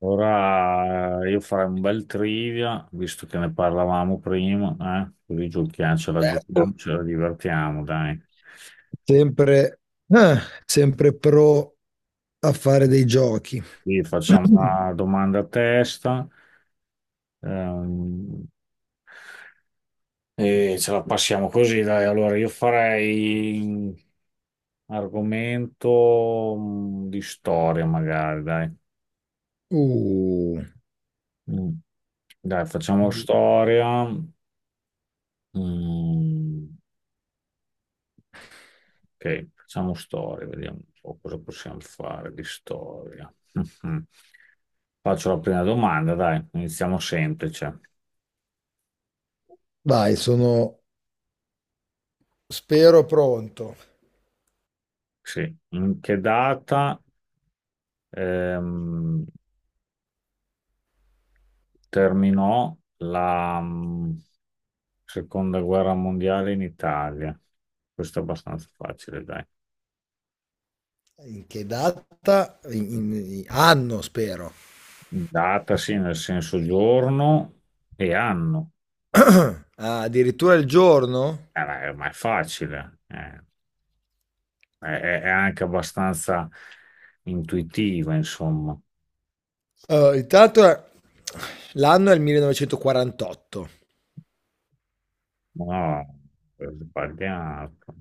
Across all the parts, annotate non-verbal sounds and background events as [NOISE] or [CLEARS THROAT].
Ora io farei un bel trivia, visto che ne parlavamo prima, eh? Così Certo, giochiamo, ce la divertiamo, dai. sempre, ah, sempre pro a fare dei giochi. Quindi facciamo [CLEARS THROAT] una domanda a testa, ehm, e ce la passiamo così, dai. Allora, io farei un argomento di storia, magari, dai. Uh, Mm. Dai, facciamo storia. Mm. Ok, facciamo storia, vediamo un po' cosa possiamo fare di storia. Mhm. Faccio la prima domanda, dai, iniziamo semplice. dai, sono, spero pronto. Sì. In che data ehm, terminò la seconda guerra mondiale in Italia? Questo è abbastanza facile, dai. In che data? Anno, spero. Data, sì, nel senso giorno e anno. [CLEARS THROAT] Ah, addirittura il giorno? Ma è facile, È anche abbastanza intuitiva, insomma. Intanto l'anno è il 1948, No, è sbagliato.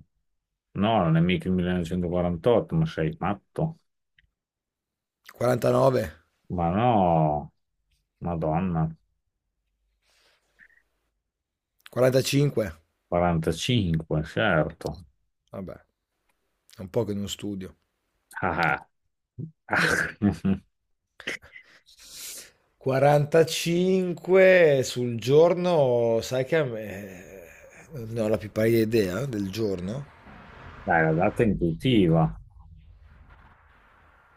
No, non è mica il 1948, ma sei matto. 49, Ma no, Madonna, 45. 45, certo. Vabbè, è un po' che non studio. [LAUGHS] Ah, ah. Ah. [LAUGHS] 45 sul giorno, sai che a me. Non ho la più pallida idea del giorno. Dai, la data è intuitiva,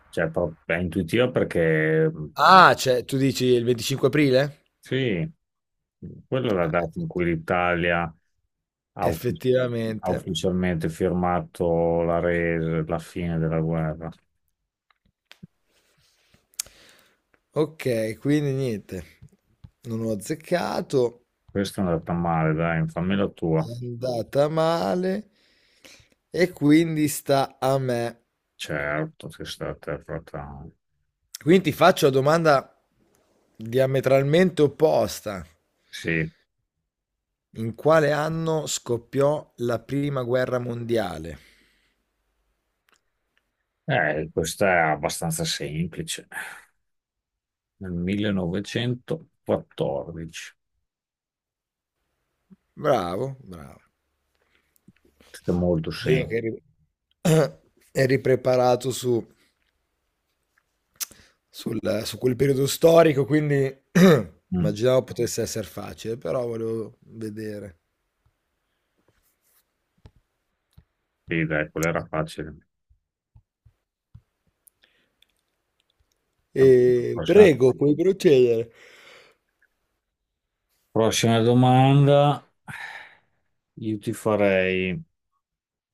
cioè è intuitiva perché eh, Ah, cioè, tu dici il 25 aprile? sì. Quella è la Ah, data in cui l'Italia ha uf- ha effettivamente. ufficialmente firmato la resa, la fine della guerra. Ok, quindi niente. Non ho azzeccato, Questa è andata male, dai, fammi la tua. è andata male e quindi sta a me. Certo, che è stata fatta. Quindi ti faccio la domanda diametralmente opposta. Sì. In quale anno scoppiò la prima guerra mondiale? Questa è abbastanza semplice. Nel 1914. Bravo, bravo. Questa è molto Vedo semplice. che eri, [CLEARS THROAT] eri preparato su, su quel periodo storico, quindi [CLEARS THROAT] Mm. immaginavo potesse essere facile, però volevo vedere. Sì, dai, quella era facile. E Prossima, prego, puoi procedere. prossima domanda. Io ti farei...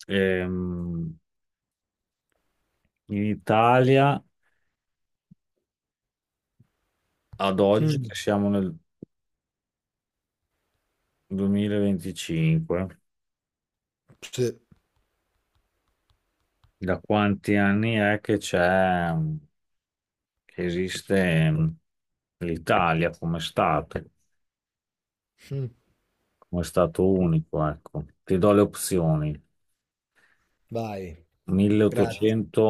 ehm, In Italia, ad oggi, Mm, che siamo nel 2025, sì. da quanti anni è che c'è, che esiste l'Italia Mm. come Stato unico, ecco. Ti do le opzioni. Vai, grazie. 1880,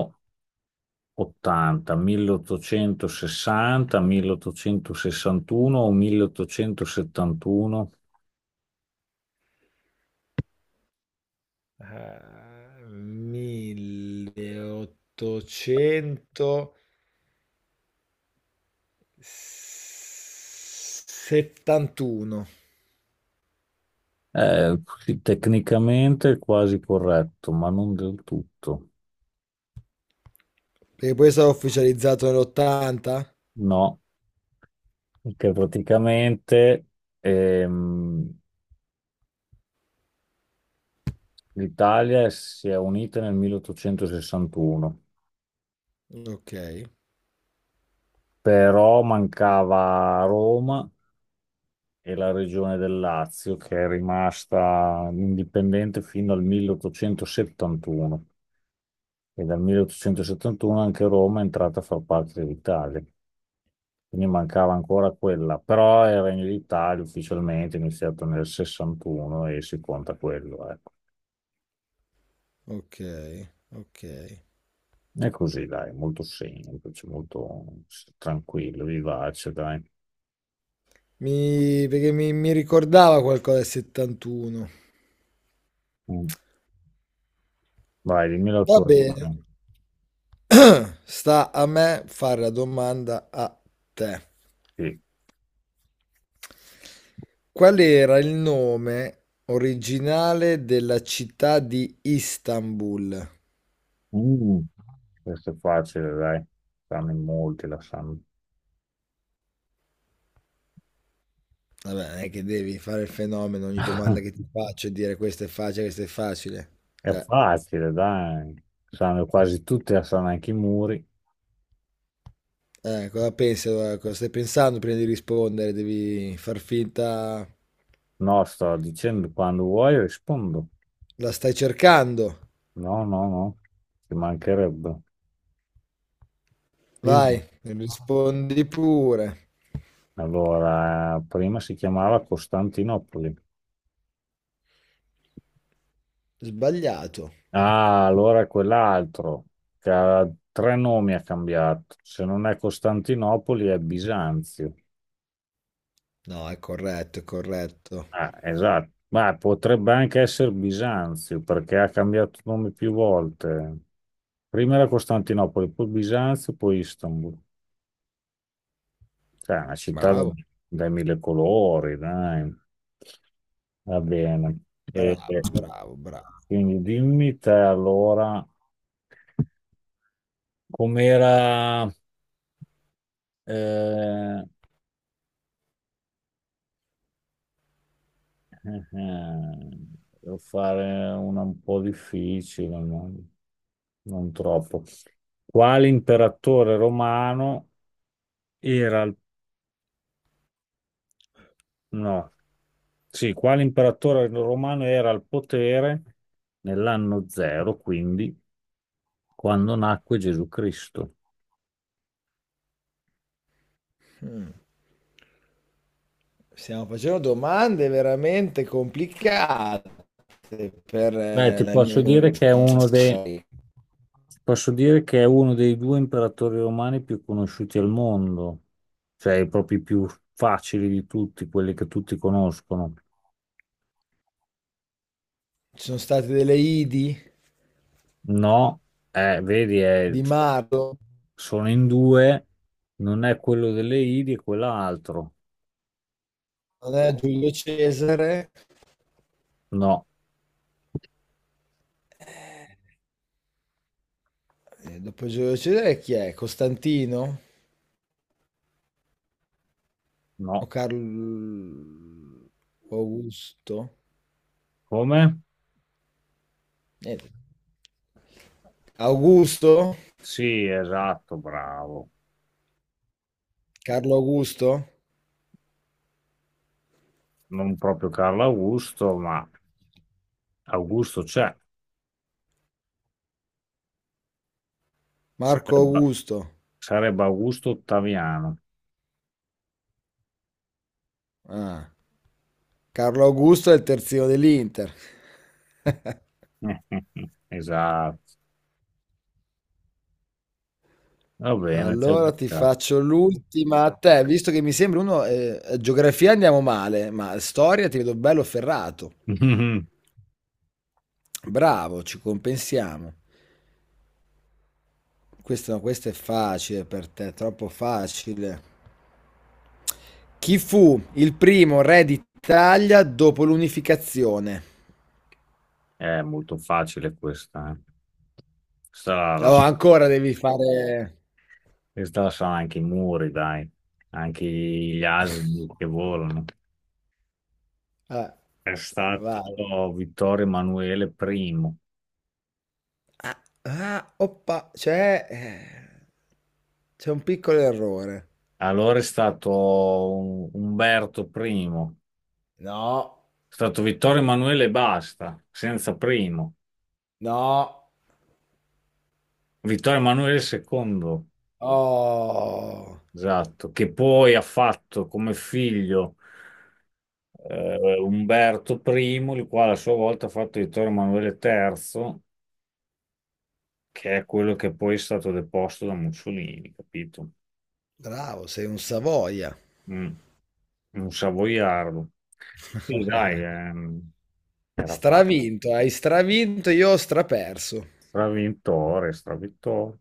1860, 1861 o 1871? 1800. 71. Sì, tecnicamente è quasi corretto, ma non del tutto. Perché poi è stato ufficializzato nell'80? No, che praticamente ehm, l'Italia si è unita nel 1861, Ok, però mancava Roma e la regione del Lazio, che è rimasta indipendente fino al 1871. E dal 1871 anche Roma è entrata a far parte dell'Italia, quindi mancava ancora quella, però il Regno d'Italia ufficialmente è iniziato nel 61 e si conta quello, ecco. ok, ok. È così, dai, molto semplice, tranquillo, vivace, dai. Perché mi ricordava qualcosa del 71. Mm. Vai, dimmi la Va tua bene. opinione. Sta a me fare la domanda a te. Sì. Qual era il nome originale della città di Istanbul? Mm, questo è facile, dai. Sanno in molti, la sanno. Vabbè, non è che devi fare il fenomeno, ogni domanda che [LAUGHS] ti faccio e dire questo è facile, questo è facile. È Eh. facile, dai. Sanno quasi tutti, la sanno anche i muri. Cosa pensi? Allora? Cosa stai pensando prima di rispondere? Devi far finta. No, sto dicendo quando vuoi rispondo. La stai cercando. No, no, no, ci mancherebbe. Dimmi. Vai, rispondi pure. Allora, prima si chiamava Costantinopoli. Sbagliato. Ah, allora è quell'altro che ha tre nomi ha cambiato. Se non è Costantinopoli è Bisanzio. No, è corretto, è corretto. Ah, esatto. Ma potrebbe anche essere Bisanzio perché ha cambiato nome più volte. Prima era Costantinopoli, poi Bisanzio, poi Istanbul. Cioè, è una città Bravo, dai mille colori, dai. Va bene. E, bravo, e bravo, bravo. quindi dimmi te allora com'era. eh, Eh, eh, Devo fare una un po' difficile, ma non troppo. Quale imperatore romano era al... no. Sì, quale imperatore romano era al potere nell'anno zero, quindi quando nacque Gesù Cristo? Mm. Stiamo facendo domande veramente complicate per Beh, la mia storia. ti posso dire che è uno dei due imperatori romani più conosciuti al mondo, cioè proprio i più facili di tutti, quelli che tutti conoscono. Ci sono state delle Idi No, vedi, di Marco, sono in due, non è quello delle Idi e quell'altro. non è Giulio Cesare. No, Dopo Giulio Cesare chi è? Costantino? O no. Carlo o Augusto? Come? Niente. Augusto? Sì, esatto, bravo. Carlo Augusto? Non proprio Carlo Augusto, ma Augusto c'è. Marco Sarebbe, Augusto? sarebbe Augusto Ottaviano. Ah. Carlo Augusto è il terzino dell'Inter. [LAUGHS] [LAUGHS] Esatto. Va bene, ci hai Allora ti beccato. faccio l'ultima a te, visto che mi sembra uno, geografia andiamo male, ma storia ti vedo bello ferrato. [LAUGHS] Bravo, ci compensiamo. Questo, no, questo è facile per te, troppo facile. Chi fu il primo re d'Italia dopo l'unificazione? È molto facile questa, eh. Questa la, la- Oh, ancora devi fare. questa la sanno anche i muri, dai, anche gli asini che volano. Ah, È stato vai. Vittorio Emanuele I, Ah, ah, oppa, c'è un piccolo errore. allora è stato Umberto I, No, è stato Vittorio Emanuele e basta, senza primo. no. Vittorio Emanuele II, Oh, esatto, che poi ha fatto come figlio Umberto I, il quale a sua volta ha fatto Vittorio Emanuele III, che è quello che poi è stato deposto da Mussolini, capito? bravo, sei un Savoia. Mm. Un savoiardo. Sì, dai, [LAUGHS] era fatto. Stravinto, hai stravinto, io ho straperso. Stravintore, stravintore.